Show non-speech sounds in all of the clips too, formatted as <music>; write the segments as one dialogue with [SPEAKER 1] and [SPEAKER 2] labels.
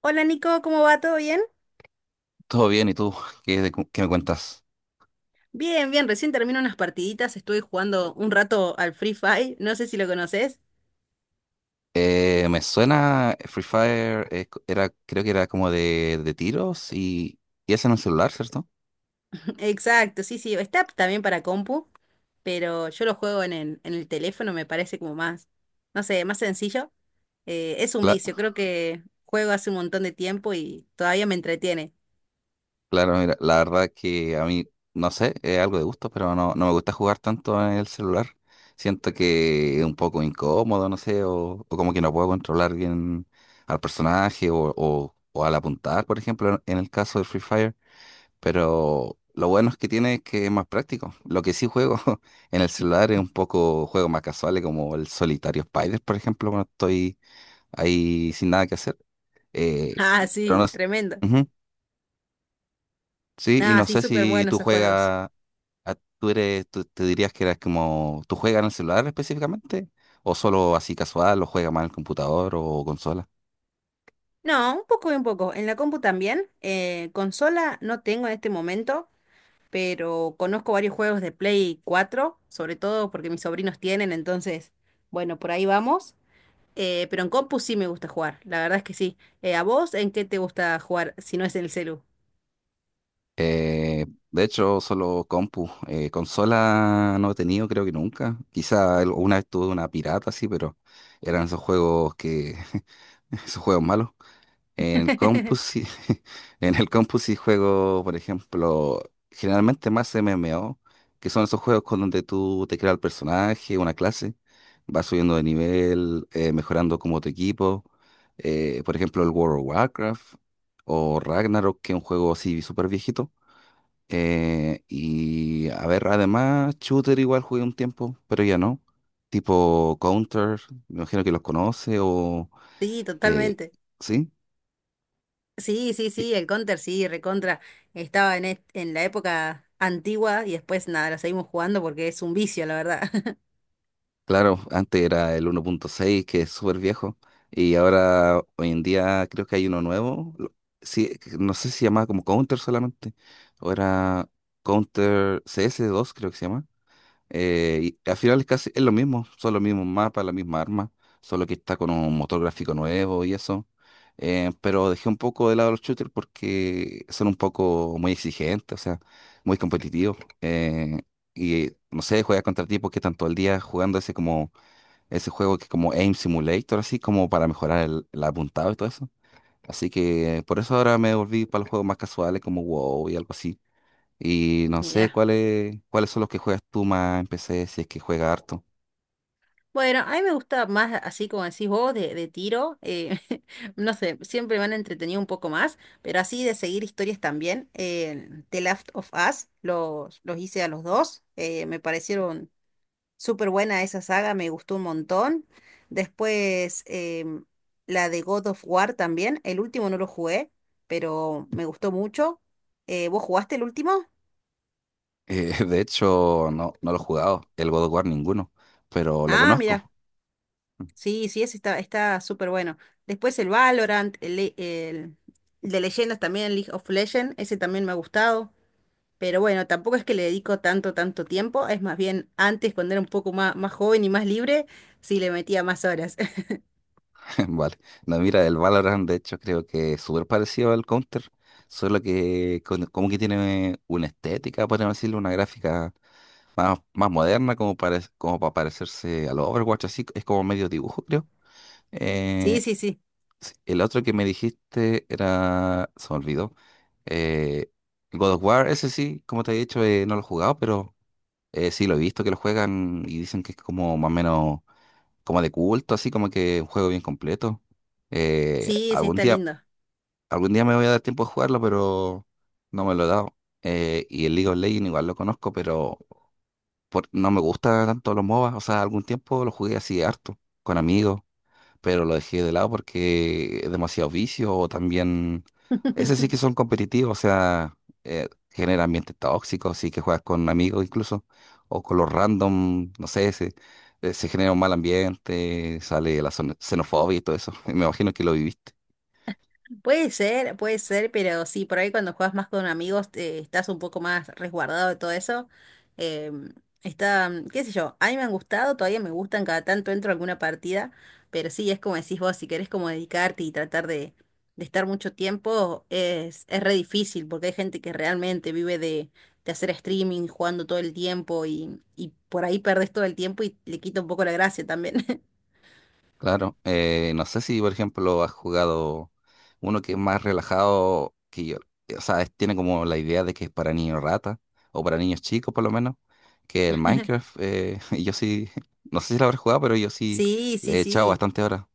[SPEAKER 1] Hola Nico, ¿cómo va? ¿Todo bien?
[SPEAKER 2] Todo bien, ¿y tú? ¿Qué, qué me cuentas?
[SPEAKER 1] Bien, bien, recién termino unas partiditas, estuve jugando un rato al Free Fire, no sé si lo conoces.
[SPEAKER 2] Me suena Free Fire, era, creo que era como de tiros y es en un celular, ¿cierto?
[SPEAKER 1] <laughs> Exacto, sí, sí, está también para compu, pero yo lo juego en el teléfono, me parece como más, no sé, más sencillo. Es un
[SPEAKER 2] Cla-
[SPEAKER 1] vicio, creo que juego hace un montón de tiempo y todavía me entretiene.
[SPEAKER 2] claro, mira, la verdad que a mí, no sé, es algo de gusto, pero no, no me gusta jugar tanto en el celular. Siento que es un poco incómodo, no sé, o como que no puedo controlar bien al personaje o al apuntar, por ejemplo, en el caso de Free Fire. Pero lo bueno es que tiene es que es más práctico. Lo que sí juego <laughs> en el celular es un poco juegos más casuales como el solitario Spider, por ejemplo, cuando estoy ahí sin nada que hacer.
[SPEAKER 1] <laughs> Ah,
[SPEAKER 2] Y- pero no,
[SPEAKER 1] sí,
[SPEAKER 2] s-
[SPEAKER 1] tremendo.
[SPEAKER 2] Ujú, sí, y
[SPEAKER 1] Ah,
[SPEAKER 2] no
[SPEAKER 1] sí,
[SPEAKER 2] sé
[SPEAKER 1] súper
[SPEAKER 2] si
[SPEAKER 1] buenos
[SPEAKER 2] tú
[SPEAKER 1] esos juegos.
[SPEAKER 2] juegas, te dirías que eras como, ¿tú juegas en el celular específicamente? ¿O solo así casual, o juegas más en el computador o consola?
[SPEAKER 1] No, un poco y un poco. En la compu también. Consola no tengo en este momento, pero conozco varios juegos de Play 4 sobre todo porque mis sobrinos tienen, entonces, bueno, por ahí vamos. Pero en compu sí me gusta jugar, la verdad es que sí. ¿A vos en qué te gusta jugar si no es en el celu?
[SPEAKER 2] Eh, de hecho, solo compu. Consola no he tenido, creo que nunca. Quizá una vez tuve una pirata, sí, pero eran esos juegos que... <laughs> esos juegos malos. En el compu
[SPEAKER 1] <laughs>
[SPEAKER 2] sí, <laughs> en el compu sí juego, por ejemplo, generalmente más MMO, que son esos juegos con donde tú te creas el personaje, una clase, vas subiendo de nivel, mejorando como tu equipo. Por ejemplo, el World of Warcraft o Ragnarok, que es un juego así súper viejito. Y a ver, además, Shooter igual jugué un tiempo, pero ya no. Tipo Counter, me imagino que los conoce o...
[SPEAKER 1] Sí,
[SPEAKER 2] eh,
[SPEAKER 1] totalmente.
[SPEAKER 2] sí,
[SPEAKER 1] Sí, sí,
[SPEAKER 2] Y
[SPEAKER 1] sí, el Counter, sí, recontra. Estaba en, en la época antigua y después nada, la seguimos jugando porque es un vicio, la verdad. <laughs>
[SPEAKER 2] claro, antes era el uno punto seis que es súper viejo, y ahora hoy en día creo que hay uno nuevo. Sí, no sé si se llamaba como Counter solamente, o era Counter cs dos creo que se llama. Y al final es casi es lo mismo, son los mismos mapas, la misma arma, solo que está con un motor gráfico nuevo y eso. Pero dejé un poco de lado los shooters porque son un poco muy exigentes, o sea, muy competitivos. Y no sé, juegas contra tipos que están todo el día jugando ese juego que es como Aim Simulator, así como para mejorar el apuntado y todo eso. Así que por eso ahora me volví para los juegos más casuales como WoW y algo así. Y no sé
[SPEAKER 1] Mirá.
[SPEAKER 2] cuáles son los que juegas tú más en PC, si es que juega harto.
[SPEAKER 1] Bueno, a mí me gusta más, así como decís vos, de tiro. <laughs> No sé, siempre me han entretenido un poco más, pero así de seguir historias también. The Last of Us, los hice a los dos. Me parecieron súper buena esa saga, me gustó un montón. Después, la de God of War también. El último no lo jugué, pero me gustó mucho. ¿Vos jugaste el último?
[SPEAKER 2] <laughs> De hecho, no, no lo he jugado, el God of War ninguno, pero lo
[SPEAKER 1] Ah, mira.
[SPEAKER 2] conozco. <laughs>
[SPEAKER 1] Sí, sí, ese está, está súper bueno. Después el Valorant, el de leyendas también, el League of Legends, ese también me ha gustado. Pero bueno, tampoco es que le dedico tanto, tanto tiempo. Es más bien antes, cuando era un poco más, más joven y más libre, sí le metía más horas. <laughs>
[SPEAKER 2] Vale. No, mira, el Valorant, de hecho, creo que es súper parecido al Counter, solo que como que tiene una estética, podríamos decirlo, una gráfica más, más moderna, como para parecerse al Overwatch, así es como medio dibujo, creo.
[SPEAKER 1] Sí,
[SPEAKER 2] Eh,
[SPEAKER 1] sí, sí.
[SPEAKER 2] Sí, el otro que me dijiste era, se me olvidó, eh, God of War, ese sí, como te he dicho, no lo he jugado, pero sí lo he visto que lo juegan y dicen que es como más o menos como de culto, así como que un juego bien completo. Eh,
[SPEAKER 1] Sí, sí,
[SPEAKER 2] algún
[SPEAKER 1] está
[SPEAKER 2] día,
[SPEAKER 1] lindo.
[SPEAKER 2] algún día me voy a dar tiempo de jugarlo, pero no me lo he dado. Y el League of Legends igual lo conozco, pero no me gusta tanto los MOBA, o sea, algún tiempo lo jugué así harto, con amigos, pero lo dejé de lado porque es demasiado vicio o también, ese sí que
[SPEAKER 1] <laughs>
[SPEAKER 2] son competitivos, o sea, genera ambientes tóxicos, sí que juegas con amigos incluso, o con los random, no sé, se genera un mal ambiente, sale la xenofobia y todo eso, <laughs> me imagino que lo viviste.
[SPEAKER 1] Puede ser, pero sí, por ahí cuando juegas más con amigos estás un poco más resguardado de todo eso. Em, está, mm, qué sé yo, a mí me han gustado, todavía me gustan, cada tanto entro a alguna partida, pero sí, es como decís vos, si querés como dedicarte y tratar de estar mucho tiempo, es re difícil, porque hay gente que realmente vive de hacer streaming, jugando todo el tiempo y por ahí perdés todo el tiempo y le quita un poco la gracia también. <laughs>
[SPEAKER 2] Claro, no sé si por ejemplo has jugado uno que es más relajado que yo, o sea, tiene como la idea de que es para niños rata o para niños chicos por lo menos, que el Minecraft, <laughs> y yo sí, <laughs> no sé si lo habré jugado, pero yo sí
[SPEAKER 1] Sí,
[SPEAKER 2] le
[SPEAKER 1] sí,
[SPEAKER 2] he echado
[SPEAKER 1] sí.
[SPEAKER 2] bastante horas.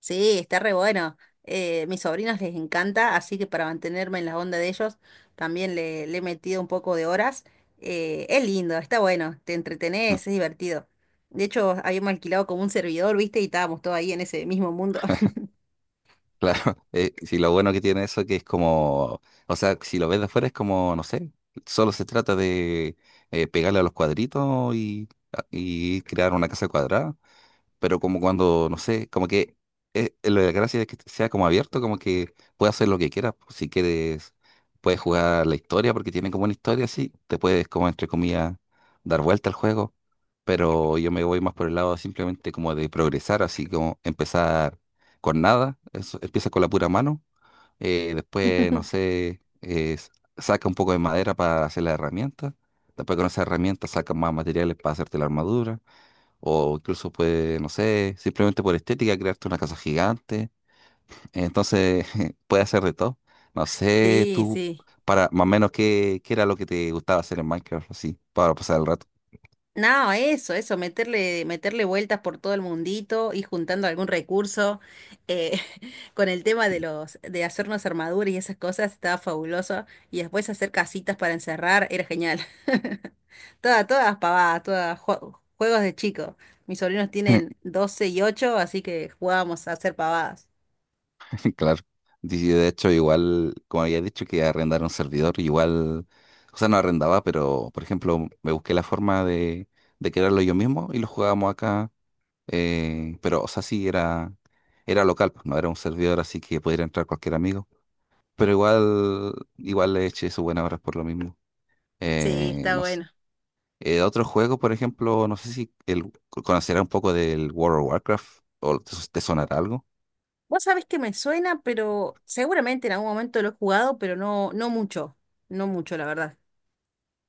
[SPEAKER 1] Sí, está re bueno. Mis sobrinos les encanta, así que para mantenerme en la onda de ellos también le he metido un poco de horas. Es lindo, está bueno, te entretenés, es
[SPEAKER 2] <laughs>
[SPEAKER 1] divertido. De hecho, habíamos alquilado como un servidor, ¿viste? Y estábamos todos ahí en ese mismo mundo. <laughs>
[SPEAKER 2] Claro, sí, lo bueno que tiene eso que es como, o sea, si lo ves de afuera es como, no sé, solo se trata de pegarle a los cuadritos y crear una casa cuadrada, pero como cuando, no sé, como que la gracia es que sea como abierto, como que puedes hacer lo que quieras. Pues, si quieres, puedes jugar la historia, porque tiene como una historia así, te puedes, como entre comillas, dar vuelta al juego. Pero yo me voy más por el lado simplemente como de progresar, así como empezar con nada, eso, empieza con la pura mano, después, no sé, s- saca un poco de madera para hacer la herramienta, después con esa herramienta saca más materiales para hacerte la armadura o incluso puede, no sé, simplemente por estética, crearte una casa gigante. Entonces, <laughs> puede hacer de todo. No sé,
[SPEAKER 1] Sí,
[SPEAKER 2] tú,
[SPEAKER 1] sí.
[SPEAKER 2] para más o menos, qué era lo que te gustaba hacer en Minecraft, así, para pasar el rato.
[SPEAKER 1] No, eso, meterle vueltas por todo el mundito, ir juntando algún recurso. eh, <laughs> con el tema de los, de hacernos armaduras y esas cosas, estaba fabuloso. Y después hacer casitas para encerrar, era genial. <laughs> Todas, todas pavadas, juegos de chico. Mis sobrinos tienen
[SPEAKER 2] <laughs>
[SPEAKER 1] 12 y 8, así que jugábamos a hacer pavadas.
[SPEAKER 2] Claro. Y de hecho, igual, como había dicho, que arrendar un servidor, igual, o sea, no arrendaba, pero, por ejemplo, me busqué la forma de crearlo yo mismo y lo jugábamos acá. Pero, o sea, sí, era, era local, pues, no era un servidor así que pudiera entrar cualquier amigo, pero igual le eché su buena hora por lo mismo.
[SPEAKER 1] Sí, está
[SPEAKER 2] No sé.
[SPEAKER 1] bueno.
[SPEAKER 2] Otro juego, por ejemplo, no sé si el, conocerá un poco del World of Warcraft o te sonará algo.
[SPEAKER 1] Vos sabés que me suena, pero seguramente en algún momento lo he jugado, pero no, no mucho. No mucho, la verdad.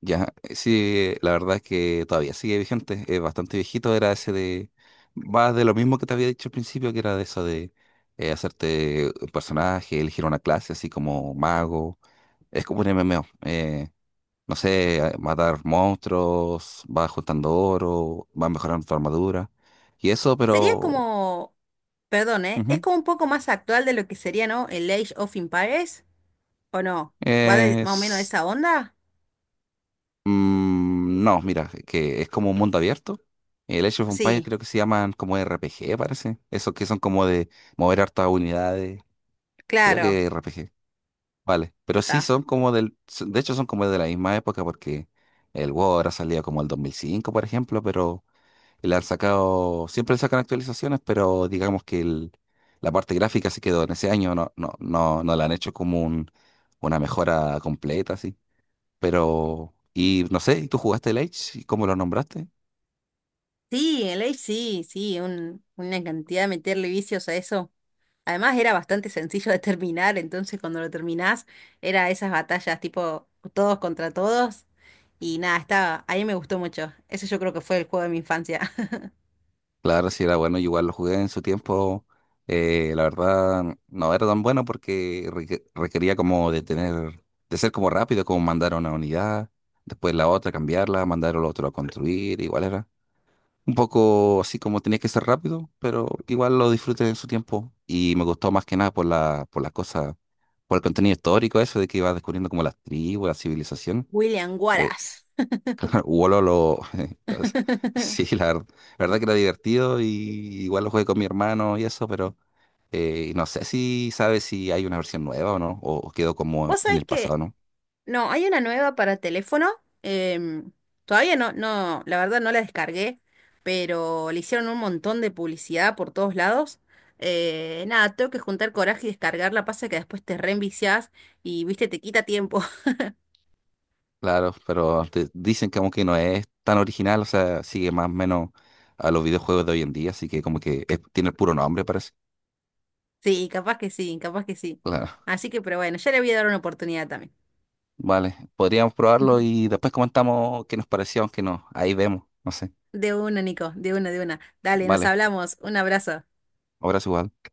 [SPEAKER 2] Ya, sí, la verdad es que todavía sigue vigente, es bastante viejito, era ese de, va de lo mismo que te había dicho al principio, que era de eso de hacerte un personaje, elegir una clase, así como mago, es como un MMO. No sé, matar monstruos, vas juntando oro, vas mejorando tu armadura. Y eso,
[SPEAKER 1] Sería
[SPEAKER 2] pero...
[SPEAKER 1] como, perdón, ¿eh? Es
[SPEAKER 2] ujú,
[SPEAKER 1] como un poco más actual de lo que sería, ¿no? El Age of Empires, ¿o no? ¿Va más o menos de
[SPEAKER 2] es...
[SPEAKER 1] esa onda?
[SPEAKER 2] no, mira, que es como un mundo abierto. El Age of Empires
[SPEAKER 1] Sí,
[SPEAKER 2] creo que se llaman como RPG, parece. Esos que son como de mover hartas unidades. Creo
[SPEAKER 1] claro.
[SPEAKER 2] que RPG. Vale. Pero sí
[SPEAKER 1] Ta.
[SPEAKER 2] son como del... De hecho son como de la misma época porque el WoW ahora salía como el 2005, por ejemplo, pero... Le han sacado, siempre le sacan actualizaciones, pero digamos que la parte gráfica se quedó en ese año, no la han hecho como un, una mejora completa, así. Pero, y no sé, ¿tú jugaste el Age? ¿Cómo lo nombraste?
[SPEAKER 1] Sí, el Age sí, sí, una cantidad de meterle vicios a eso. Además era bastante sencillo de terminar, entonces cuando lo terminás era esas batallas tipo todos contra todos. Y nada, estaba, a mí me gustó mucho. Ese yo creo que fue el juego de mi infancia. <laughs>
[SPEAKER 2] Claro, sí era bueno, yo igual lo jugué en su tiempo. La verdad, no era tan bueno porque requería como de tener, de ser como rápido, como mandar a una unidad, después la otra, cambiarla, mandar al otro a construir, igual era. Un poco así como tenía que ser rápido, pero igual lo disfruté en su tiempo. Y me gustó más que nada por la, por las cosas, por el contenido histórico, eso de que iba descubriendo como las tribus, la civilización.
[SPEAKER 1] William
[SPEAKER 2] Eh, <laughs>
[SPEAKER 1] Wallace.
[SPEAKER 2] claro, Wolo lo. <laughs> entonces, sí,
[SPEAKER 1] <laughs>
[SPEAKER 2] la verdad, que era divertido y igual lo jugué con mi hermano y eso, pero no sé si sabes si hay una versión nueva o no, o quedó como
[SPEAKER 1] Vos
[SPEAKER 2] en
[SPEAKER 1] sabés
[SPEAKER 2] el pasado,
[SPEAKER 1] que
[SPEAKER 2] ¿no?
[SPEAKER 1] no, hay una nueva para teléfono. em, todavía no, no, la verdad no la descargué, pero le hicieron un montón de publicidad por todos lados. Nada, tengo que juntar coraje y descargarla. Pasa que después te reenviciás y, viste, te quita tiempo. <laughs>
[SPEAKER 2] Claro, pero dicen que aunque no es tan original, o sea, sigue más o menos a los videojuegos de hoy en día, así que como que tiene el puro nombre, parece.
[SPEAKER 1] Sí, capaz que sí, capaz que sí.
[SPEAKER 2] Claro,
[SPEAKER 1] Así que, pero bueno, ya le voy a dar una oportunidad también.
[SPEAKER 2] vale, podríamos probarlo y después comentamos qué nos pareció, aunque no, ahí vemos, no sé.
[SPEAKER 1] De una, Nico, de una, de una. Dale, nos
[SPEAKER 2] Vale,
[SPEAKER 1] hablamos. Un abrazo.
[SPEAKER 2] ahora es igual.